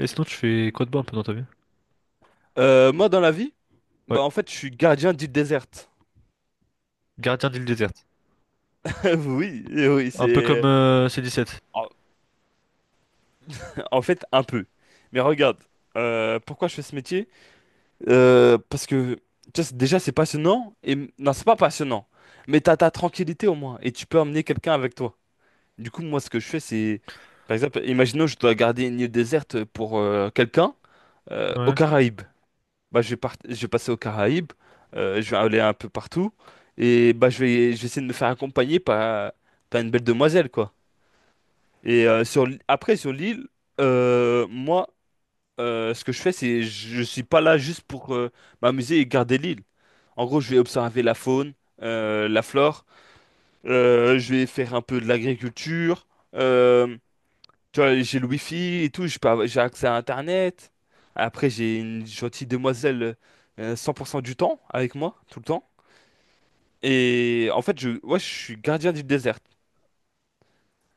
Et sinon, tu fais quoi de bon un peu dans ta vie? Moi, dans la vie, Ouais. bah, en fait, je suis gardien d'île déserte. Gardien d'île déserte. Oui, oui, Un peu comme C17. En en fait, un peu. Mais regarde, pourquoi je fais ce métier? Parce que, tu vois, déjà, c'est passionnant. Non, c'est pas passionnant. Mais t'as ta tranquillité, au moins. Et tu peux emmener quelqu'un avec toi. Du coup, moi, ce que je fais, Par exemple, imaginons, je dois garder une île déserte pour quelqu'un aux Ouais. Caraïbes. Bah, je vais passer aux Caraïbes, je vais aller un peu partout, et bah, je vais essayer de me faire accompagner par une belle demoiselle, quoi. Et après, sur l'île, moi, ce que je fais, c'est je suis pas là juste pour m'amuser et garder l'île. En gros, je vais observer la faune, la flore, je vais faire un peu de l'agriculture, euh, tu vois, j'ai le wifi et tout, j'ai accès à Internet. Après, j'ai une gentille demoiselle 100% du temps avec moi, tout le temps. Et en fait, ouais, je suis gardien du désert,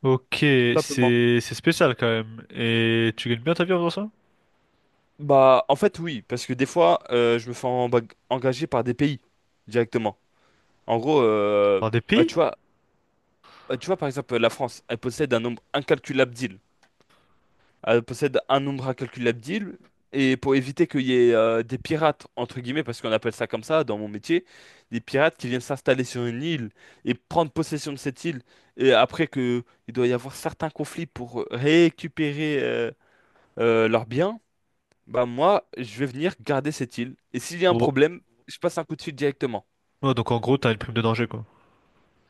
Ok, tout simplement. c'est spécial quand même. Et tu gagnes bien ta vie en faisant ça? Bah, en fait, oui, parce que des fois, je me fais engager par des pays directement. En gros, Par des bah, tu pays? vois, bah, tu vois, par exemple, la France, elle possède un nombre incalculable d'îles. Possède un nombre incalculable d'îles. Et pour éviter qu'il y ait des pirates, entre guillemets, parce qu'on appelle ça comme ça dans mon métier, des pirates qui viennent s'installer sur une île et prendre possession de cette île, et après que il doit y avoir certains conflits pour récupérer leurs biens, bah moi, je vais venir garder cette île. Et s'il y a un Oh. problème, je passe un coup de fil directement. Ouais, donc en gros, t'as une prime de danger, quoi.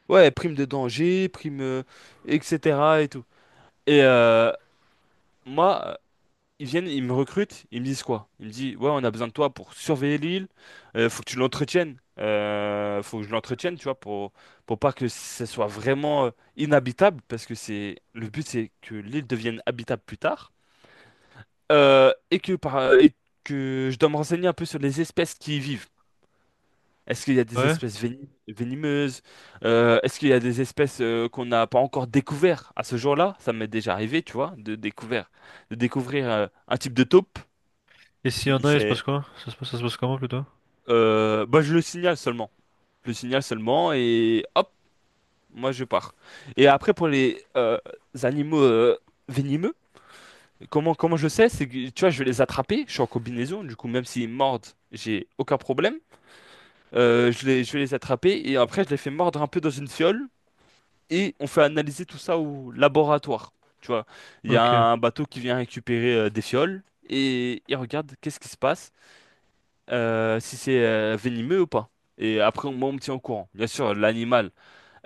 Ouais, prime de danger, prime, etc. et tout. Et moi, ils viennent, ils me recrutent, ils me disent quoi? Ils me disent, ouais, on a besoin de toi pour surveiller l'île, faut que tu l'entretiennes, faut que je l'entretienne, tu vois, pour pas que ce soit vraiment inhabitable, parce que c'est le but, c'est que l'île devienne habitable plus tard. Et que, je dois me renseigner un peu sur les espèces qui y vivent. Est-ce qu'il y a des Ouais. espèces venimeuses? Est-ce qu'il y a des espèces qu'on n'a pas encore découvert à ce jour-là? Ça m'est déjà arrivé, tu vois, de découvrir, un type de taupe. Et s'il y en a, il se passe C'est quoi? Ça se passe comment plutôt? Bah, je le signale seulement. Je le signale seulement et hop, moi je pars. Et après, pour les animaux venimeux, comment je sais? C'est que, tu vois, je vais les attraper. Je suis en combinaison, du coup, même s'ils mordent, j'ai aucun problème. Je vais les attraper et après, je les fais mordre un peu dans une fiole et on fait analyser tout ça au laboratoire. Tu vois, il y a Ok. un bateau qui vient récupérer des fioles et il regarde qu'est-ce qui se passe, si c'est venimeux ou pas. Et après, moi, on me tient au courant. Bien sûr, l'animal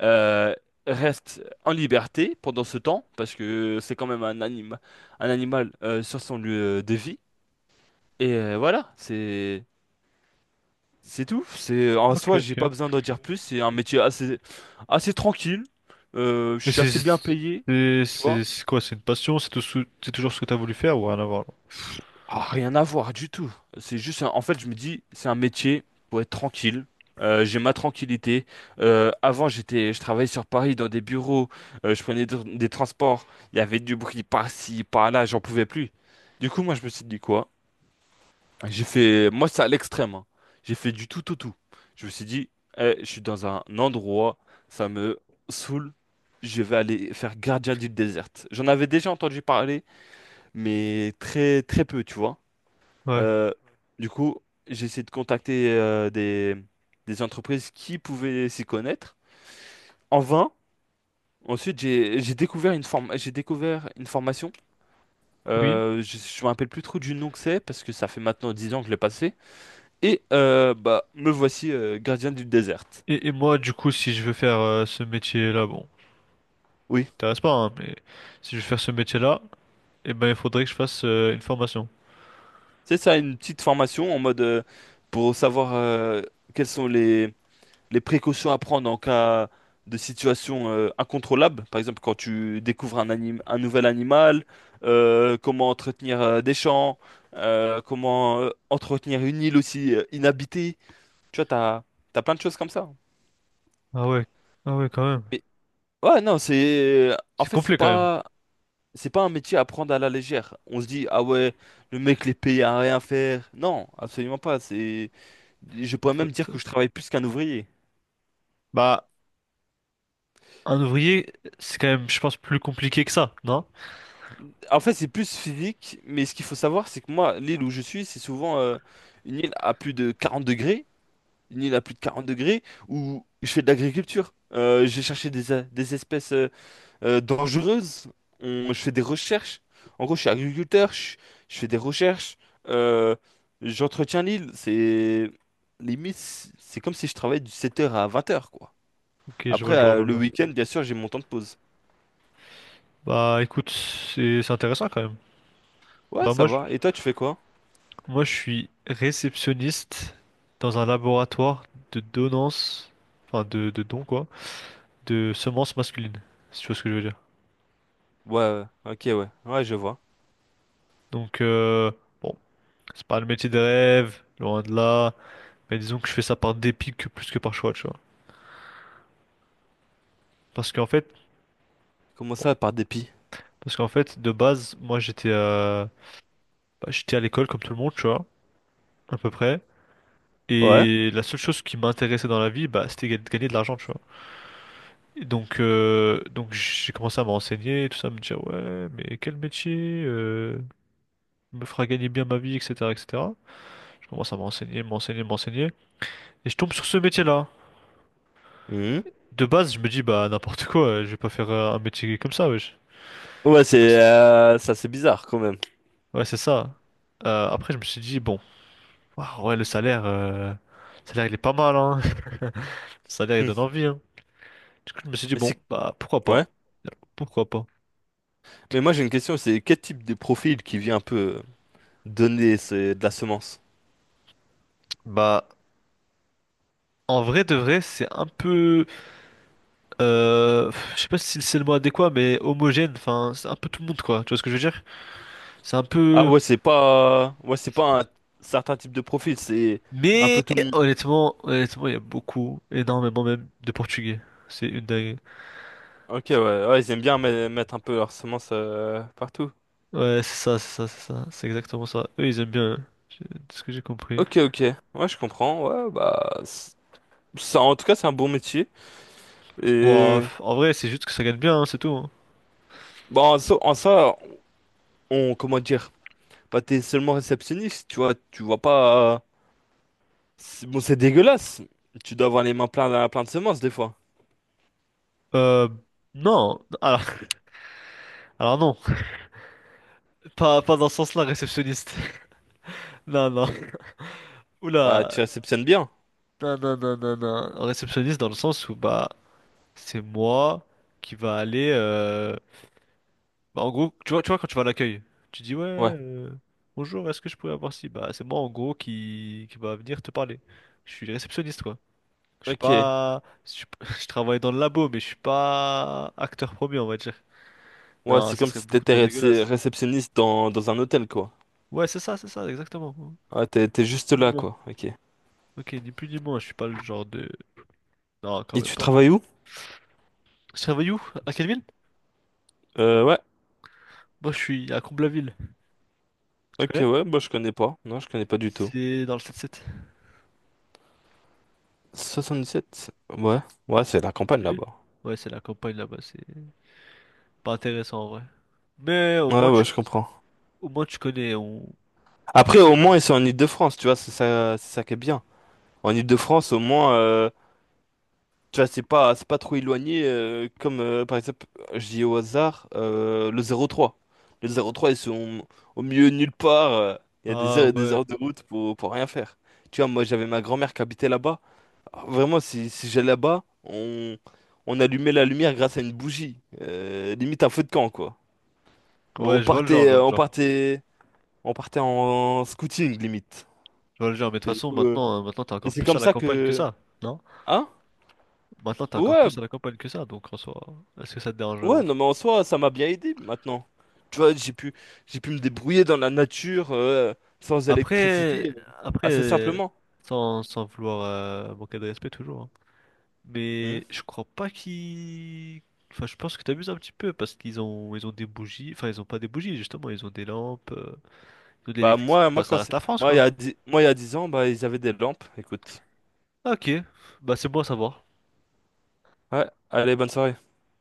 euh, reste en liberté pendant ce temps, parce que c'est quand même un animal sur son lieu de vie. Et voilà, c'est tout. C'est en Ok, soi, ok. j'ai pas besoin d'en dire plus. C'est un métier assez tranquille. Je Mais suis c'est assez bien payé, c'est tu vois. c'est c'est quoi? C'est une passion? C'est toujours ce que t'as voulu faire ou rien à voir? Ah, rien à voir du tout. C'est juste, en fait, je me dis, c'est un métier pour être tranquille. J'ai ma tranquillité. Avant, je travaillais sur Paris dans des bureaux. Je prenais des transports. Il y avait du bruit par-ci, par-là. J'en pouvais plus. Du coup, moi, je me suis dit quoi? Moi, c'est à l'extrême. Hein. J'ai fait du tout au tout. Je me suis dit, eh, je suis dans un endroit, ça me saoule. Je vais aller faire gardien d'île déserte. J'en avais déjà entendu parler, mais très, très peu, tu vois. Là, ouais. Euh, du coup, j'ai essayé de contacter des entreprises qui pouvaient s'y connaître. En vain. Ensuite, j'ai découvert j'ai découvert une formation. Oui. Je me rappelle plus trop du nom que c'est parce que ça fait maintenant 10 ans que je l'ai passé. Et bah me voici gardien du désert. Et moi, du coup, si je veux faire ce métier-là, bon, Oui, ça t'intéresse pas, hein, mais si je veux faire ce métier-là. Eh ben, il faudrait que je fasse une formation. c'est ça, une petite formation en mode pour savoir quels sont les précautions à prendre en cas de situation incontrôlable, par exemple quand tu découvres un nouvel animal, comment entretenir des champs, comment entretenir une île aussi inhabitée. Tu vois, t'as plein de choses comme ça. Ah ouais, ah ouais, quand même. Mais ouais, non, c'est en C'est fait, complet quand même. C'est pas un métier à prendre à la légère. On se dit ah ouais, le mec les paye à rien faire. Non, absolument pas. C'est Je pourrais Ça même dire te- que je travaille plus qu'un ouvrier. Bah, un ouvrier, c'est quand même, je pense, plus compliqué que ça, non? En fait, c'est plus physique, mais ce qu'il faut savoir, c'est que moi, l'île où je suis, c'est souvent une île à plus de 40 degrés, une île à plus de 40 degrés, où je fais de l'agriculture. J'ai cherché des espèces dangereuses. Je fais des recherches. En gros, je suis agriculteur, je fais des recherches, euh, j'entretiens l'île. C'est limite, c'est comme si je travaillais du 7 heures à 20 heures, quoi. Ok, je vois Après, le genre, je vois le le genre. week-end, bien sûr, j'ai mon temps de pause. Bah, écoute, c'est intéressant quand même. Ouais, Bah, ça va. Et toi, tu fais quoi? moi, je suis réceptionniste dans un laboratoire de donnance, enfin, de dons, quoi, de semences masculines, si tu vois ce que je veux dire. Ouais, ouais, ok, ouais. Ouais, je vois. Donc, bon, c'est pas le métier de rêve, loin de là, mais disons que je fais ça par dépit que plus que par choix, tu vois. Parce qu'en fait, Comment bon. ça, par dépit? Parce qu'en fait, de base, moi j'étais bah, j'étais à l'école comme tout le monde, tu vois, à peu près. Ouais. Et la seule chose qui m'intéressait dans la vie, bah, c'était de gagner de l'argent, tu vois. Et donc j'ai commencé à me renseigner, tout ça, à me dire, ouais, mais quel métier me fera gagner bien ma vie, etc., etc. Je commence à me renseigner, me renseigner, me renseigner. Et je tombe sur ce métier-là. Mhm. De base, je me dis, bah, n'importe quoi, je vais pas faire un métier comme ça, wesh. Ouais, Ouais, c'est c'est ça, c'est bizarre quand même. ouais, c'est ça. Après, je me suis dit, bon. Waouh, ouais, le salaire, il est pas mal, hein. Le salaire, il Hmm. donne envie, hein. Du coup, je me suis dit, Mais bon, c'est bah, pourquoi pas? ouais. Pourquoi pas? Mais moi j'ai une question, c'est quel type de profil qui vient un peu donner de la semence? Bah, en vrai de vrai, c'est un peu, je sais pas si c'est le mot adéquat, mais homogène, enfin, c'est un peu tout le monde, quoi. Tu vois ce que je veux dire? C'est un Ah peu... ouais, c'est pas un certain type de profil, c'est un peu Mais, tout le monde. honnêtement, honnêtement, il y a beaucoup, énormément même, de Portugais. C'est une dingue. Ok, ouais, ouais, ils aiment bien mettre un peu leur semence partout. Ouais, c'est ça, c'est ça, c'est ça, c'est exactement ça. Eux, ils aiment bien, hein. J'ai- de ce que j'ai compris. Ok, ok, ouais, je comprends. Ouais, bah, ça, en tout cas, c'est un bon métier. Bon, Et en vrai, c'est juste que ça gagne bien, hein, c'est tout. Hein. bon, en ça, on comment dire? Bah, t'es seulement réceptionniste, tu vois pas, bon, c'est dégueulasse. Tu dois avoir les mains pleines plein plein de semences des fois. Euh, non. Alors, alors non. Pas dans ce sens-là, réceptionniste. Non, non. Bah, tu Oula. réceptionnes bien. Non, non, non, non, non. Réceptionniste dans le sens où, bah, c'est moi qui va aller... bah, en gros, tu vois, quand tu vas à l'accueil, tu dis, ouais, Ouais. Bonjour, est-ce que je pourrais avoir ci? Bah, c'est moi, en gros, qui va venir te parler. Je suis réceptionniste, quoi. Je suis Ok. pas... je travaille dans le labo, mais je suis pas acteur premier, on va dire. Ouais, Non, c'est ce comme serait si beaucoup trop t'étais dégueulasse. réceptionniste dans un hôtel, quoi. Ouais, c'est ça, exactement. Ouais, t'es juste Plus là, quoi. Ok. ok, ni plus ni moins, je suis pas le genre de... Non, quand Et même tu pas. travailles où? Tu travailles où? À quelle ville? Ouais. Moi, je suis à Comblaville. Tu Ok, connais? ouais, bah, je connais pas. Non, je connais pas du tout. C'est dans le 7-7. 77? Ouais. Ouais, c'est la Tu campagne connais? là-bas. Ouais, c'est la campagne là-bas, c'est pas intéressant en vrai. Mais Ouais, ouais, je comprends. au moins, tu connais. On- Après, au moins, ils sont en Île-de-France, tu vois, c'est ça qui est bien. En Île-de-France, au moins. Tu vois, c'est pas trop éloigné, comme par exemple, je dis au hasard, le 0,3. Le 0,3, ils sont au milieu de nulle part. Il y a des ah heures et des ouais. heures de route pour rien faire. Tu vois, moi, j'avais ma grand-mère qui habitait là-bas. Alors, vraiment, si j'allais là-bas, on allumait la lumière grâce à une bougie. Limite un feu de camp, quoi. On Ouais, je vois le genre, partait, je vois euh, le on genre. partait, on partait en scouting, limite. Je vois le genre, mais de toute Et du façon, coup, maintenant, maintenant t'es et encore c'est plus à comme la ça campagne que que... ça, non? Hein? Maintenant, t'es encore Ouais, plus à la campagne que ça, donc en soi, est-ce que ça te dérange ouais, vraiment? non, mais en soi, ça m'a bien aidé maintenant. Tu vois, j'ai pu me débrouiller dans la nature sans Après, électricité après, assez simplement. Sans vouloir manquer de respect toujours, hein. Hmm. Mais je crois pas qu'ils... Enfin, je pense que t'amuses un petit peu parce qu'ils ont des bougies. Enfin, ils ont pas des bougies, justement. Ils ont des lampes, ils ont de Bah l'électricité. moi, moi Enfin, quand ça reste c'est- la France, moi il y quoi. a dix, moi il y a 10 ans, bah ils avaient des lampes. Écoute. Ok. Bah, c'est bon à savoir. Ouais, allez, bonne soirée.